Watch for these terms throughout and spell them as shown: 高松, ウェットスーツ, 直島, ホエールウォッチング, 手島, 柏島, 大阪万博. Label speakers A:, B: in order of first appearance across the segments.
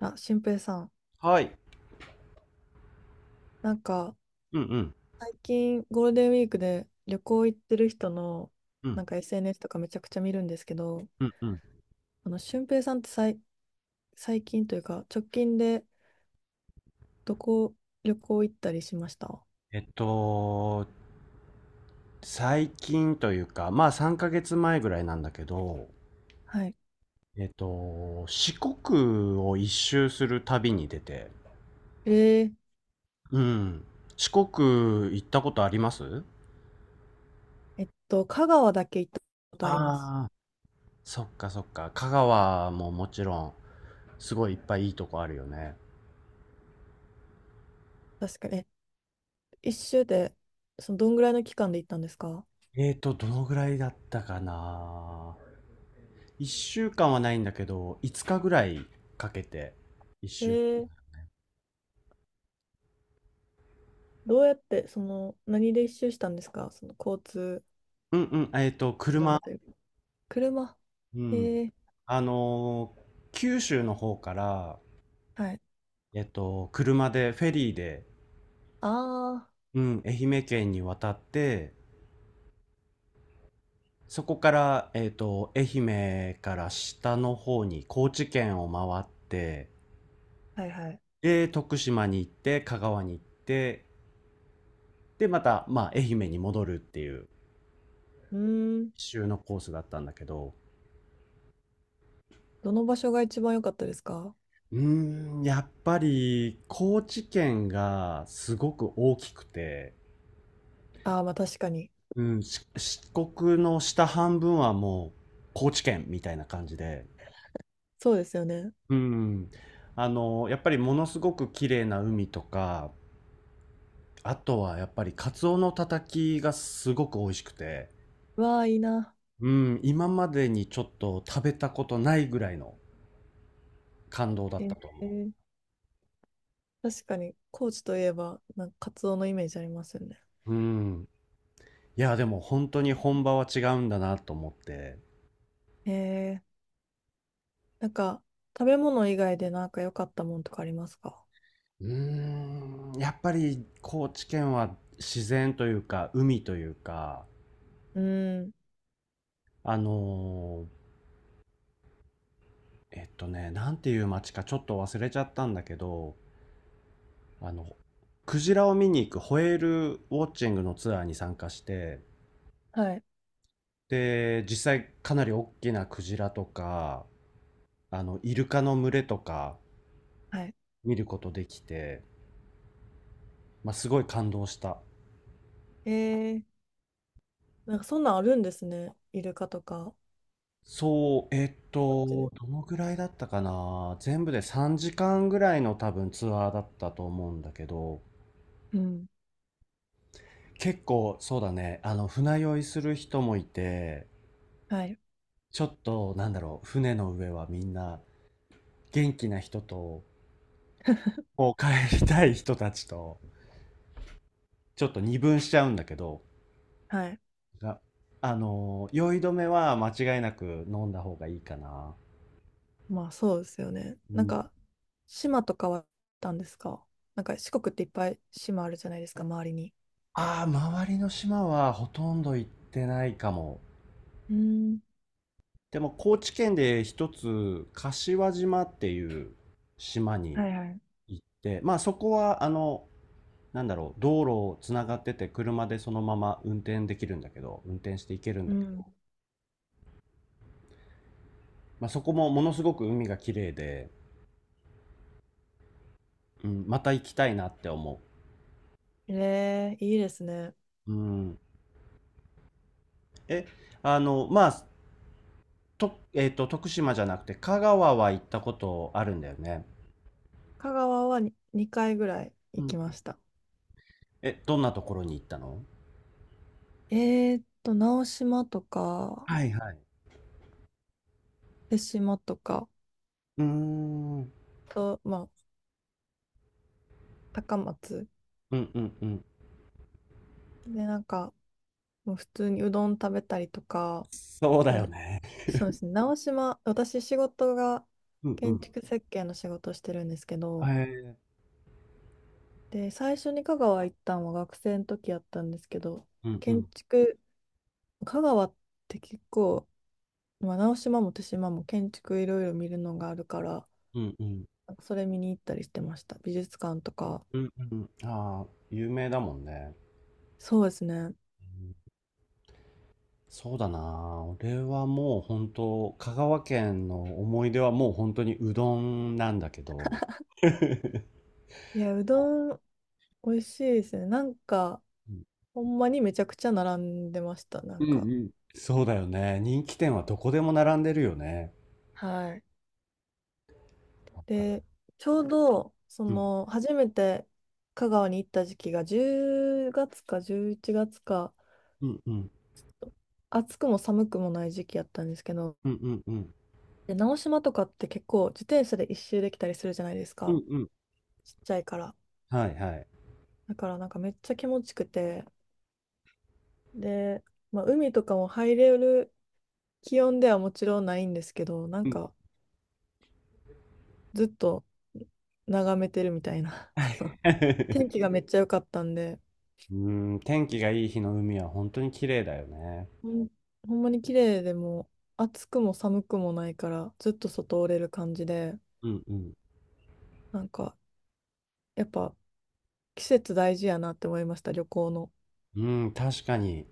A: あ、俊平さん、
B: はい。
A: なんか
B: うんうん。
A: 最近ゴールデンウィークで旅行行ってる人の
B: うん。
A: SNS とかめちゃくちゃ見るんですけど、
B: うんうん。
A: 俊平さんって最近というか直近でどこ旅行行ったりしました？
B: えっと、最近というか、まあ3ヶ月前ぐらいなんだけど、
A: はい。
B: 四国を一周する旅に出て、
A: えー、
B: うん。四国行ったことあります？
A: えっと、香川だけ行ったことあります。
B: ああー、そっかそっか。香川ももちろん、すごいいっぱいいいとこあるよね。
A: 確かに。え、一周で、その、どんぐらいの期間で行ったんですか？
B: どのぐらいだったかな。1週間はないんだけど、5日ぐらいかけて一
A: え
B: 周。
A: ー、どうやって、その、何で一周したんですか？その交通
B: うんうん、
A: 手
B: 車。
A: 段というか。車。
B: う
A: え
B: ん。
A: ー、
B: あのー九州の方から、
A: はい。
B: 車で、フェリーで、
A: ああ。
B: うん、愛媛県に渡って、そこから、愛媛から下の方に、高知県を回って、
A: はいはい。
B: で、徳島に行って、香川に行って、で、また、まあ、愛媛に戻るっていう、
A: うーん。
B: 一周のコースだったんだけど、
A: どの場所が一番良かったですか？
B: うーん、やっぱり、高知県がすごく大きくて、
A: ああー、まあ確かに。
B: うん、四国の下半分はもう高知県みたいな感じで、
A: そうですよね。
B: うん、やっぱりものすごく綺麗な海とか、あとはやっぱりカツオのたたきがすごく美味しくて、
A: わあ、いいな。
B: うん、今までにちょっと食べたことないぐらいの感動だ
A: え
B: ったと思
A: ー、確かに、高知といえば、なんかカツオのイメージありますよね。
B: う。うん。いや、でも本当に本場は違うんだなと思って。
A: えー、なんか、食べ物以外でなんか良かったもんとかありますか？
B: うーん、やっぱり高知県は自然というか、海というか、
A: うーん。
B: あのーなんていう街かちょっと忘れちゃったんだけど、あの、クジラを見に行くホエールウォッチングのツアーに参加して、
A: はい。
B: で、実際かなり大きなクジラとか、イルカの群れとか
A: はい。
B: 見ることできて、まあ、すごい感動した。
A: えー、なんかそんなんあるんですね。イルカとか、
B: そう、
A: こっちで。
B: どのぐらいだったかな、全部で3時間ぐらいの多分ツアーだったと思うんだけど、
A: うん。
B: 結構そうだね、船酔いする人もいて、
A: はい。
B: ちょっと、なんだろう、船の上はみんな元気な人と、こう帰りたい人たちと、ちょっと二分しちゃうんだけど、
A: はい。
B: があのー酔い止めは間違いなく飲んだ方がいいかな。
A: まあそうですよね。
B: う
A: なん
B: ん。
A: か、島とかはあったんですか？なんか四国っていっぱい島あるじゃないですか、周りに。
B: ああ、周りの島はほとんど行ってないかも。
A: うん。
B: でも高知県で一つ、柏島っていう島に
A: はいはい。
B: 行って、まあそこはなんだろう、道路をつながってて車でそのまま運転できるんだけど、運転して行けるん
A: う
B: だけど、
A: ん。
B: まあ、そこもものすごく海が綺麗で、うん、また行きたいなって思
A: えー、いいですね。
B: う。うん、え、あの、まあ、と、えっと、徳島じゃなくて香川は行ったことあるんだよね。
A: 香川はに2回ぐらい
B: う
A: 行
B: ん。
A: きました。
B: どんなところに行ったの？
A: えーっと、直島とか、
B: はいはい。
A: 手島とか、
B: うーん。うん
A: と、まあ、高松。
B: うんうん。
A: で、なんか、もう普通にうどん食べたりとか、
B: そうだよ
A: で、
B: ね。
A: そうですね、直島、私仕事が
B: うんう
A: 建
B: ん。
A: 築設計の仕事をしてるんですけ
B: へ
A: ど、
B: え。
A: で、最初に香川行ったのは学生の時やったんですけど、
B: うんう
A: 建
B: ん。
A: 築、香川って、結構、まあ、直島も手島も建築いろいろ見るのがあるから、
B: うんうん。
A: なんかそれ見に行ったりしてました。美術館とか。
B: うんうん。ああ、有名だもんね。
A: そうですね。
B: うん。そうだな。俺はもう本当、香川県の思い出はもう本当にうどんなんだけど、う
A: いや、うどん美味しいですね。なんか、
B: ん
A: ほんまにめちゃくちゃ並んでました。な
B: う
A: んか。
B: ん。そうだよね。人気店はどこでも並んでるよね。
A: はい。で、ちょうど、そ
B: うん、
A: の、初めて香川に行った時期が10月か11月か、
B: うん、うん、
A: 暑くも寒くもない時期やったんですけど、
B: うん、うん、うん。
A: で、直島とかって結構自転車で一周できたりするじゃないです
B: う
A: か。
B: んうん。
A: ちっちゃいから。
B: はい、はい。
A: だからなんかめっちゃ気持ちくて、で、まあ、海とかも入れる気温ではもちろんないんですけど、な
B: う
A: ん
B: ん。
A: かずっと眺めてるみたいな、
B: は
A: その
B: い。
A: 天気がめっちゃ良かったんで、
B: うーん、天気がいい日の海は本当に綺麗だよね。
A: ほん、ほんまに綺麗で、もう暑くも寒くもないからずっと外おれる感じで、
B: うんうん。
A: なんかやっぱ季節大事やなって思いました、旅行の。
B: うん、確かに。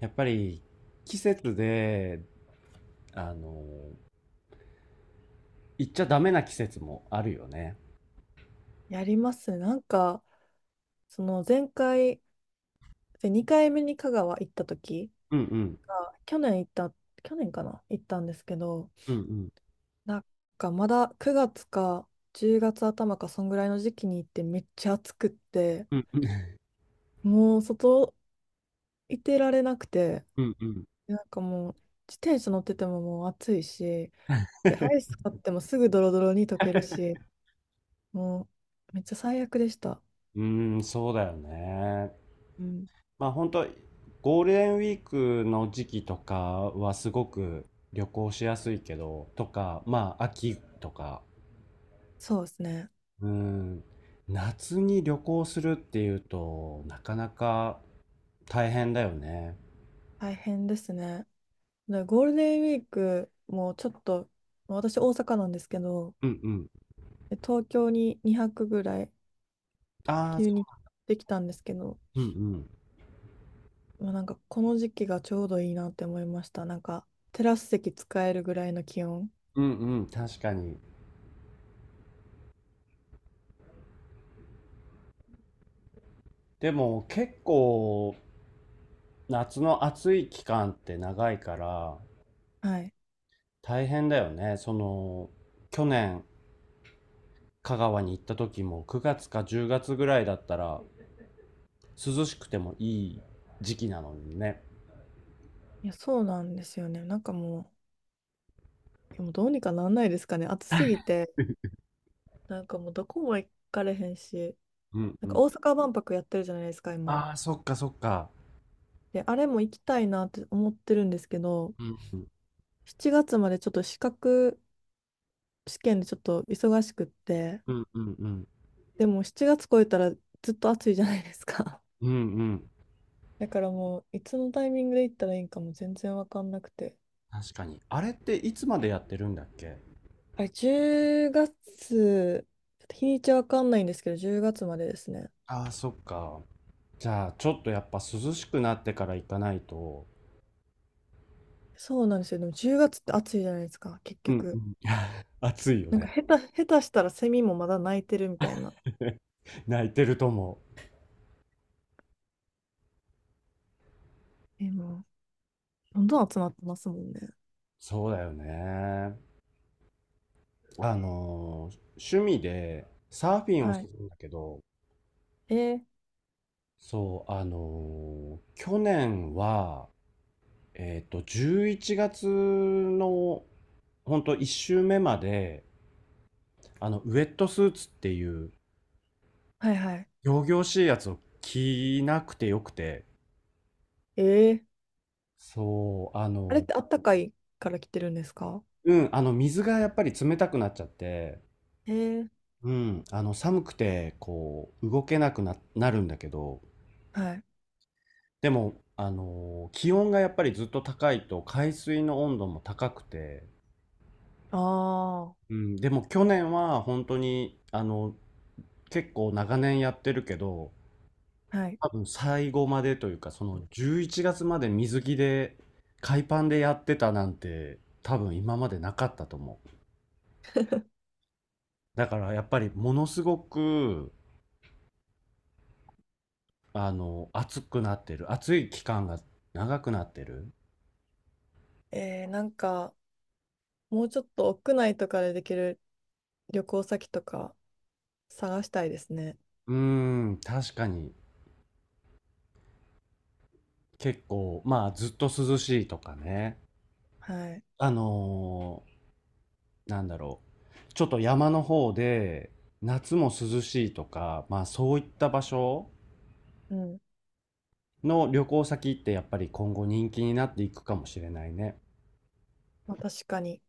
B: やっぱり季節で、あの、行っちゃダメな季節もあるよね。
A: やりますなんか、その前回、2回目に香川行った時
B: うんうん。
A: が、去年かな行ったんですけど、
B: うんうん。
A: なんかまだ9月か10月頭かそんぐらいの時期に行ってめっちゃ暑くって、
B: うん
A: もう外いてられなくて、
B: うんうん
A: なんかもう自転車乗っててももう暑いし、で、アイス買ってもすぐドロドロに溶けるし、もうめっちゃ最悪でした。
B: うん。うーん、そうだよね。
A: うん、
B: まあ本当ゴールデンウィークの時期とかはすごく旅行しやすいけど、とか、まあ秋とか、
A: そうですね。
B: うん、夏に旅行するっていうとなかなか大変だよね。
A: 大変ですね。でゴールデンウィークもちょっと、まあ私大阪なんですけど、
B: うんうん。
A: で東京に2泊ぐらい
B: ああ、
A: 急
B: そ
A: にできたんですけど、
B: う。うんうん。
A: まあ、なんかこの時期がちょうどいいなって思いました。なんかテラス席使えるぐらいの気温。
B: うんうん、確かに。でも結構夏の暑い期間って長いから
A: はい。
B: 大変だよね。その去年香川に行った時も9月か10月ぐらいだったら涼しくてもいい時期なのにね。
A: いや、そうなんですよね。なんかもう、いやもうどうにかなんないですかね。暑すぎて、なんかもうどこも行かれへんし、
B: うん
A: なん
B: う
A: か
B: ん。
A: 大阪万博やってるじゃないですか、今。
B: ああ、そっかそっか。
A: で、あれも行きたいなって思ってるんですけど、
B: うんうん
A: 7月までちょっと資格試験でちょっと忙しくって、
B: うんうんうん。
A: でも7月超えたらずっと暑いじゃないですか。
B: うんうん。
A: だからもう、いつのタイミングで行ったらいいんかも全然わかんなくて。
B: 確かに。あれっていつまでやってるんだっけ？
A: あれ、10月、ちょっと日にちわかんないんですけど、10月までですね。
B: ああ、そっか。じゃあ、ちょっとやっぱ涼しくなってから行かないと。
A: そうなんですよ。でも10月って暑いじゃないですか、結
B: うんう
A: 局。
B: ん。暑いよ
A: なん
B: ね。
A: か下手、下手したらセミもまだ鳴いてるみたいな。
B: 泣いてると思う。
A: え、もう、どんどん集まってますもんね。
B: そうだよね。趣味でサーフィンを
A: は
B: する
A: い。
B: んだけど、
A: えー、
B: そう、去年は11月のほんと1週目まで、ウェットスーツっていう
A: はいはい。
B: 仰々しいやつを着なくてよくて、
A: えー、
B: そう、
A: あれってあったかいから来てるんですか？
B: うん、水がやっぱり冷たくなっちゃって、
A: えー、
B: うん、寒くて、こう、動けなくな、なるんだけど、
A: はい。
B: でも、気温がやっぱりずっと高いと、海水の温度も高くて、
A: あ
B: うん、でも去年は本当に、結構長年やってるけど、
A: あ、はい。
B: 多分最後までというか、その11月まで水着で、海パンでやってたなんて、多分今までなかったと思う。だからやっぱりものすごく、暑くなってる。暑い期間が長くなってる。
A: えー、なんか、もうちょっと屋内とかでできる旅行先とか探したいですね。
B: うーん、確かに結構、まあずっと涼しいとかね。
A: はい。
B: あのーなんだろう。ちょっと山の方で、夏も涼しいとか、まあそういった場所
A: うん。
B: の旅行先ってやっぱり今後人気になっていくかもしれないね。
A: まあ、確かに。